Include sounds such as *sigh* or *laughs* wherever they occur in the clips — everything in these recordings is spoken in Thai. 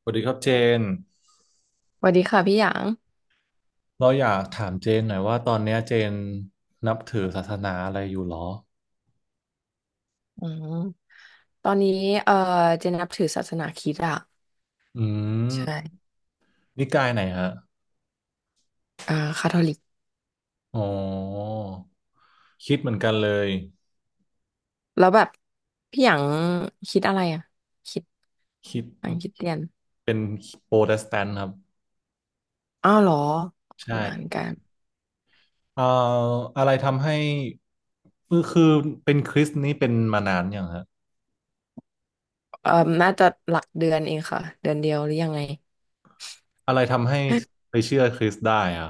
สวัสดีครับเจนสวัสดีค่ะพี่หยางเราอยากถามเจนหน่อยว่าตอนเนี้ยเจนนับถือศาสนาอะไรอยู่หรออืมตอนนี้เอ่อเจนนับถือศาสนาคริสต์อะอืใช่มนิกายไหนฮะเอ่อคาทอลิก อ๋อคิดเหมือนกันเลยแล้วแบบพี่หยางคิดอะไรอะคิดคิดหยางคิดเดียนเป็นโปรเตสแตนต์ครับอ้าวเหรอคนละอันใช่กันเอ่ออะไรทำให้คือเป็นคริสต์นี่เป็นมานานยังฮะเอ่อน่าจะหลักเดือนเองค่ะ เดือนเดียวหรือยังไง อะไรทำให้ไปเชื่อคริสต์ได้อะ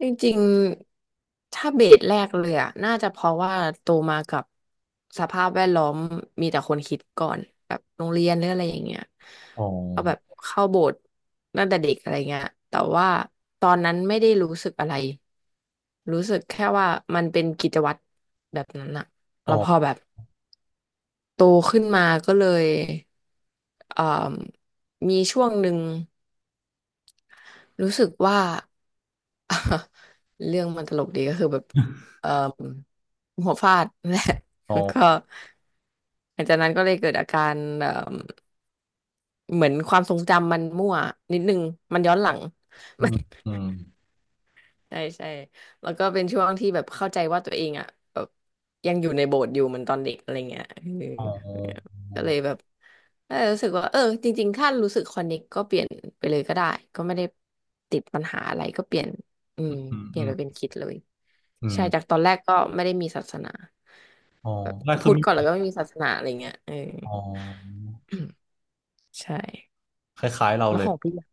จริงๆถ้าเบสแรกเลยอะน่าจะเพราะว่าโตมากับสภาพแวดล้อมมีแต่คนคิดก่อนแบบโรงเรียนหรืออะไรอย่างเงี้ยอ๋อเอาแบบเข้าโบสถ์ตั้งแต่เด็กอะไรเงี้ย แต่ว่าตอนนั้นไม่ได้รู้สึกอะไร รู้สึกแค่ว่ามันเป็นกิจวัตรแบบนั้นอะอ๋อแล้วพอแบบโตขึ้นมาก็เลยเอ่อมีช่วงหนึ่งรู้สึกว่า *laughs* เรื่องมันตลกดีก็คือแบบเอ่อหัวฟาดนั่นแหละ อ๋ *laughs* อแล้วก็หลังจากนั้นก็เลยเกิดอาการเอ่อเหมือนความทรงจำมันมั่วนิดนึงมันย้อนหลัง อืม *laughs* อืมใช่ใช่แล้วก็เป็นช่วงที่แบบเข้าใจว่าตัวเองอ่ะแบบยังอยู่ในโบสถ์อยู่เหมือนตอนเด็กอะไรเงี้ยเอ๋อออก็เลยแบบเออรู้สึกว่าเออจริงๆถ้ารู้สึกคอนเนคกก็เปลี่ยนไปเลยก็ได้ก็ไม่ได้ติดปัญหาอะไรก็เปลี่ยนอือืมมเปลี่อืยนมไปเป็นคริดเลยอืมใช่จากตอนแรกก็ไม่ได้มีศาสนาอ๋อได้คืพูอดไม่ ก่อนแล้วก็ไม่มีศาสนาอะไรเงี้ยเออ อ๋อ *coughs* *clears throat* ใช่คล้ายๆเราแล้วเลขยองพี่อะ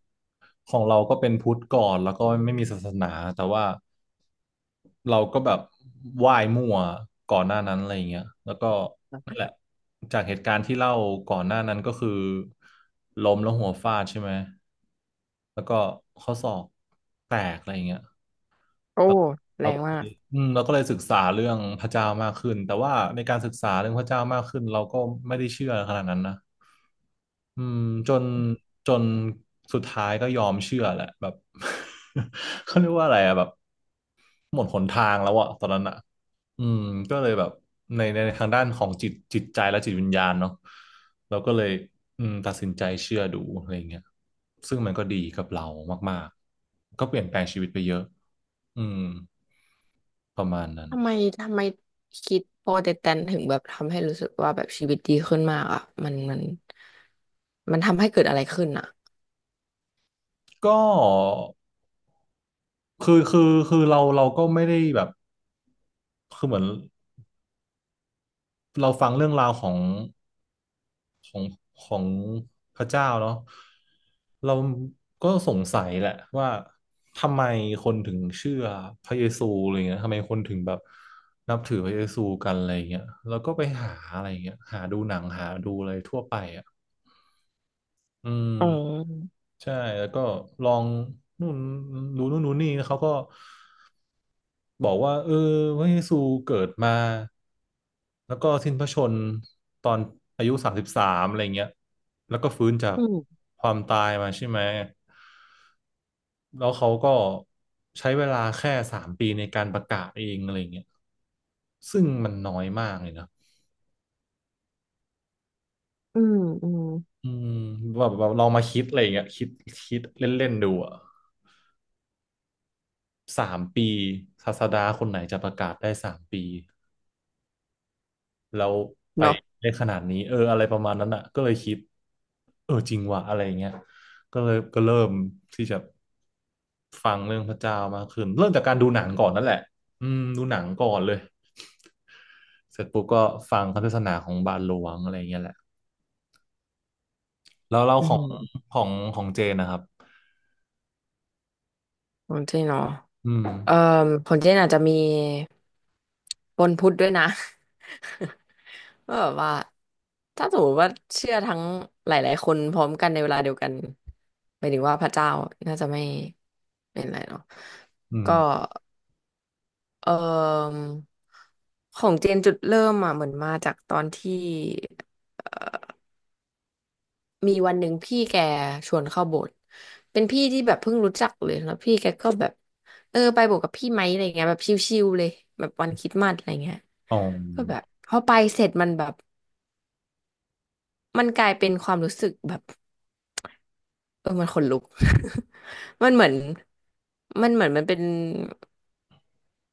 ของเราก็เป็นพุทธก่อนแล้วก็ไม่มีศาสนาแต่ว่าเราก็แบบไหว้มั่วก่อนหน้านั้นอะไรอย่างเงี้ยแล้วก็นั่นแหละจากเหตุการณ์ที่เล่าก่อนหน้านั้นก็คือล้มแล้วหัวฟาดใช่ไหมแล้วก็ข้อศอกแตกอะไรอย่างเงี้ยโอ้เราแรเรางก็มาเลก ยอืมเราก็เลยศึกษาเรื่องพระเจ้ามากขึ้นแต่ว่าในการศึกษาเรื่องพระเจ้ามากขึ้นเราก็ไม่ได้เชื่อขนาดนั้นนะ อืมจนจนสุดท้ายก็ยอมเชื่อแหละแบบ *laughs* เขาเรียกว่าอะไรอะแบบหมดหนทางแล้วอะตอนนั้นอะอืมก็เลยแบบในทางด้านของจิตใจและจิตวิญญาณเนาะเราก็เลยอืมตัดสินใจเชื่อดูอะไรเงี้ยซึ่งมันก็ดีกับเรามากๆก็เปลี่ยนแปลงชีวิตไปเยอะอืมประมาณนั้นทำไมทำไมคิดโปรเตแตนถึงแบบทำให้รู้สึกว่าแบบชีวิตดีขึ้นมากอ่ะมันมันทำให้เกิดอะไรขึ้นอ่ะก็คือคือคือเราก็ไม่ได้แบบคือเหมือนเราฟังเรื่องราวของ ของพระเจ้าเนาะเราก็สงสัยแหละว่าทำไมคนถึงเชื่อพระเยซูอะไรเงี้ยทำไมคนถึงแบบนับถือพระเยซูกันอะไรเงี้ยแล้วก็ไปหาอะไรเงี้ยหาดูหนังหาดูอะไรทั่วไปอ่ะอืมอ๋อใช่แล้วก็ลองนู่นดูนู่นดูนี่เขาก็ บอกว่าเออพระเยซูเกิดมาแล้วก็สิ้นพระชนม์ตอนอายุ33อะไรเงี้ยแล้วก็ฟื้นจากอืมความตายมาใช่ไหมแล้วเขาก็ใช้เวลาแค่สามปีในการประกาศเองอะไรเงี้ยซึ่งมันน้อยมากเลยนะอืมอืมอืมแบบลองมาคิดอะไรเงี้ยคิดเล่นๆดูอ่ะสามปีศาสดาคนไหนจะประกาศได้สามปี แล้วไปเนาะได้ขนาดนี้เอออะไรประมาณนั้นอ่ะก็เลยคิดเออจริงว่ะอะไรอย่างเงี้ยก็เลยก็เริ่มที่จะฟังเรื่องพระเจ้ามากขึ้นเริ่มจากการดูหนังก่อนนั่นแหละอืมดูหนังก่อนเลยเสร็จปุ๊บก็ฟังคำเทศนาของบาทหลวงอะไรอย่างเงี้ยแหละแล้วเราอืของมของเจนนะครับของเจนเนาะอืมเอ่อของเจนอาจจะมีปนพุทธด้วยนะ *laughs* ก็แบบว่าถ้าสมมติว่าเชื่อทั้งหลายๆคนพร้อมกันในเวลาเดียวกันหมายถึงว่าพระเจ้าน่าจะไม่เป็นไรเนาะอืมก็ เอ่อของเจนจุดเริ่มอ่ะเหมือนมาจากตอนที่เอ่อมีวันหนึ่งพี่แกชวนเข้าโบสถ์เป็นพี่ที่แบบเพิ่งรู้จักเลยแล้วพี่แกก็แบบเออไปโบสถ์กับพี่ไหมอะไรเงี้ยแบบชิลๆเลยแบบวันคริสต์มาสอะไรเงี้ยอ๋อก็แบบพอไปเสร็จมันแบบมันกลายเป็นความรู้สึกแบบเออมันขนลุก *laughs* มันเหมือนมันเหมือนมันเป็น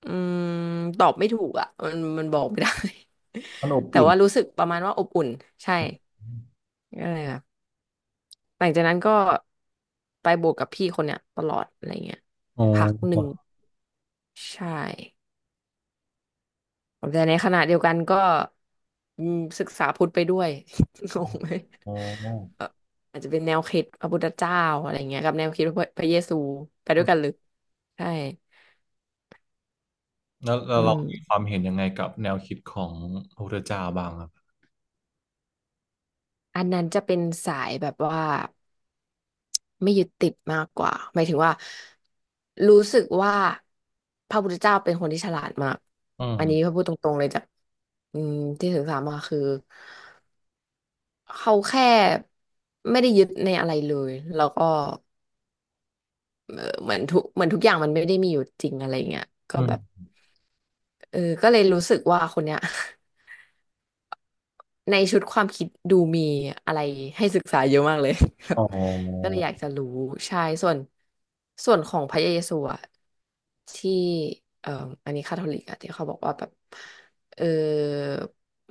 อืมตอบไม่ถูกอ่ะมันบอกไม่ได้ มันอบ *laughs* แต่อุ่นว่ารู้สึกประมาณว่าอบอุ่นใช่ก็เลยแบบหลังจากนั้นก็ไปบวกกับพี่คนเนี้ยตลอดอะไรเงี้ยอ๋พักหนึ่งอใช่แต่ในขณะเดียวกันก็อืมศึกษาพุทธไปด้วย *laughs* งงไหมอ๋อเอ่ออาจจะเป็นแนวคิดพระพุทธเจ้าอะไรเงี้ยกับแนวคิดพระเยซูไปด้วยกันเลยใช่แล้วอืเรามีคมวามเห็นยังไงกับแนวคิดของพระพุทธเจ้าบ้างครับอันนั้นจะเป็นสายแบบว่า ไม่ยึดติดมากกว่าหมายถึงว่ารู้สึกว่าพระพุทธเจ้าเป็นคนที่ฉลาดมากอือันนี้พม ระพูดตรงๆเลยจากอืมที่ศึกษามาคือเขาแค่ไม่ได้ยึดในอะไรเลยแล้วก็เหมือนทุกอย่างมันไม่ได้มีอยู่จริงอะไรเงี้ยก็อืแบบมเออก็เลยรู้สึกว่าคนเนี้ย ในชุดความคิดดูมีอะไรให้ศึกษาเยอะมากเลย *laughs* ครับอ๋อก็เลยอยากจะรู้ใช่ส่วนของพระเยซูอะที่เอ่ออันนี้คาทอลิกอะที่เขาบอกว่าแบบเออ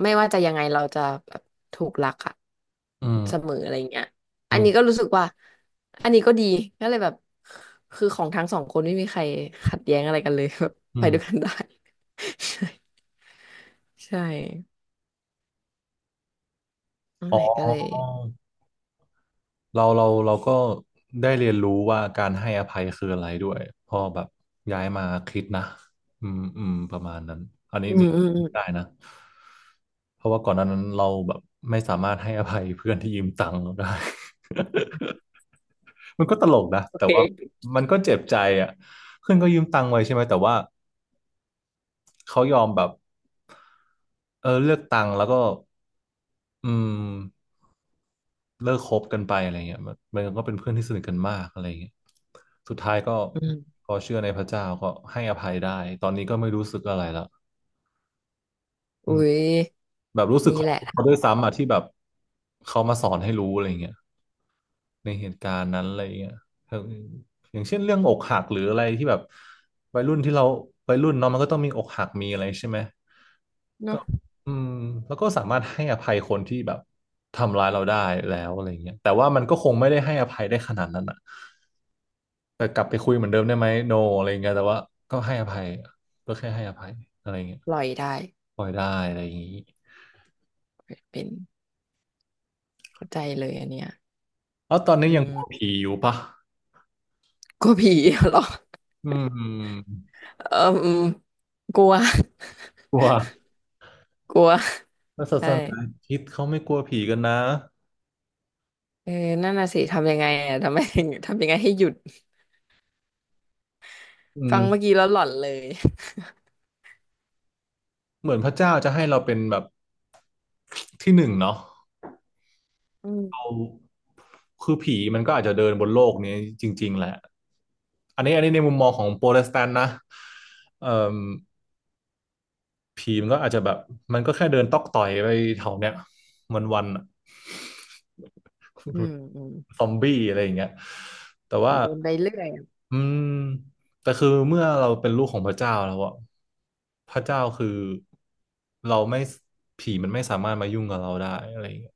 ไม่ว่าจะยังไงเราจะแบบถูกรักอะอืเสมมออะไรเงี้ยอันอืนี้ก็มรู้สึกว่าอันนี้ก็ดีก็เลยแบบคือของทั้งสองคนไม่มีใครขัดแย้งอะไรกันเลย *laughs* แบบอืไปมด้วยกันได้ *laughs* ใช่ใช่นั่นอ๋อแหละก็เลยเราก็ได้เรียนรู้ว่าการให้อภัยคืออะไรด้วยพอแบบย้ายมาคิดนะ อืมอืมประมาณนั้นอันนี้อืนี่ได้ม นะเพราะว่าก่อนหน้านั้นเราแบบไม่สามารถให้อภัยเพื่อนที่ยืมตังค์เราได้ *laughs* มันก็ตลกนะโอแต่เคว่ามันก็เจ็บใจอ่ะเพื่อนก็ยืมตังค์ไว้ใช่ไหมแต่ว่าเขายอมแบบเออเลือกตังค์แล้วก็อืม เลิกคบกันไปอะไรเงี้ยมันก็เป็นเพื่อนที่สนิทกันมากอะไรเงี้ยสุดท้ายก็อืมพอเชื่อในพระเจ้าก็ให้อภัยได้ตอนนี้ก็ไม่รู้สึกอะไรละอือุ้มยแบบรู้สึกนี่ขอแหงละทาเขางด้วยออกซ้ำอ่ะที่แบบเขามาสอนให้รู้อะไรเงี้ยในเหตุการณ์นั้นอะไรเงี้ยเอออย่างเช่นเรื่องอกหักหรืออะไรที่แบบวัยรุ่นที่เราวัยรุ่นเนาะมันก็ต้องมีอกหักมีอะไรใช่ไหมก็เนาะอืมแล้วก็สามารถให้อภัยคนที่แบบทำร้ายเราได้แล้วอะไรเงี้ยแต่ว่ามันก็คงไม่ได้ให้อภัยได้ขนาดนั้นอ่ะ แต่กลับไปคุยเหมือนเดิมได้ไหมโนอะไรเงี้ยแต่ว่าก็ให้อภัยก็แค่ให้อภัยอะไรเงี้ยปล่อยได้ปล่อยได้อะไรอย่างงี้เป็นเข้าใจเลยอันเนี้ยแล้วตอนนี้อืยังกลัวมผีอยู่ปะกลัวผีเหรอ อืมเอออืมกลัวกลัวกลัวแล้วศาใช่สนาคริดเขาไม่กลัวผีกันนะเออนั่นน่ะสิทำยังไงอ่ะทำไมถึงทำยังไงให้หยุด อืฟังเมื่อมกี้แล้วหลอนเลยเหมือนพระเจ้าจะให้เราเป็นแบบที่หนึ่งเนาะอืมเราคือผีมันก็อาจจะเดินบนโลกนี้จริงๆแหละอันนี้ในมุมมองของโปรเตสแตนต์นะเอ่อผีมันก็อาจจะแบบมันก็แค่เดินตอกต่อยไปแถวเนี้ยวันๆอะ อืม *laughs* อืมซอมบี้อะไรอย่างเงี้ยแต่ว่าเดินไปเรื่อยอะอืมแต่คือเมื่อเราเป็นลูกของพระเจ้าแล้วอะพระเจ้าคือเราไม่ผีมันไม่สามารถมายุ่งกับเราได้อะไรอย่างเงี้ย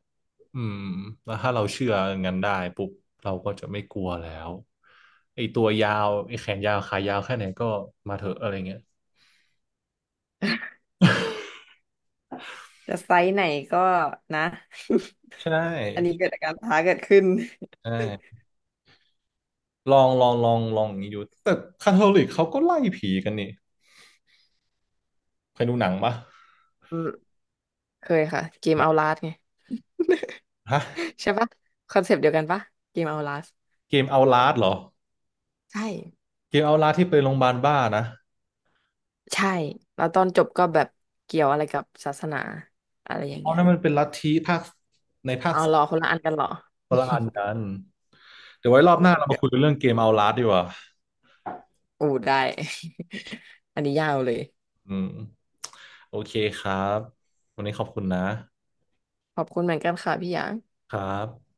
อืมแล้วถ้าเราเชื่ออย่างนั้นได้ปุ๊บเราก็จะไม่กลัวแล้วไอ้ตัวยาวไอ้แขนยาวขายาวแค่ไหนก็มาเถอะอะไรเงี้ยจะไซส์ไหนก็นะ *laughs* ใชอันนี้่เกิดอาการท้าเกิดขึ้นใช่ลองอย่างนี้ดูแต่คาทอลิกเขาก็ไล่ผีกันนี่เคยดูหนังปะอืมเคยค่ะเกมหนัเอางลาสไง ฮะ *laughs* ใช่ปะคอนเซปต์เดียวกันปะเกมเอาลาสเกมเอาลาสเหรอใช่ เกมเอาลาสที่เป็นโรงพยาบาลบ้านะใช่แล้วตอนจบก็แบบเกี่ยวอะไรกับศาสนาอะไรอย่างเอาเงี้ยนั่นมันเป็นลัทธิภาคในภาคเอาสเหอรงอคนละอันกันเหรอ คนละอันกันเดี๋ยวไว้ร *laughs* อบโอ้หน้าเรามาเดี๋ยคุวยเรื่องเกมเอาลาสดีกว่าโอ้ได้ *laughs* อันนี้ยาวเลยอืมโอเคครับวันนี้ขอบคุณนะขอบคุณเหมือนกันค่ะพี่หยางครับ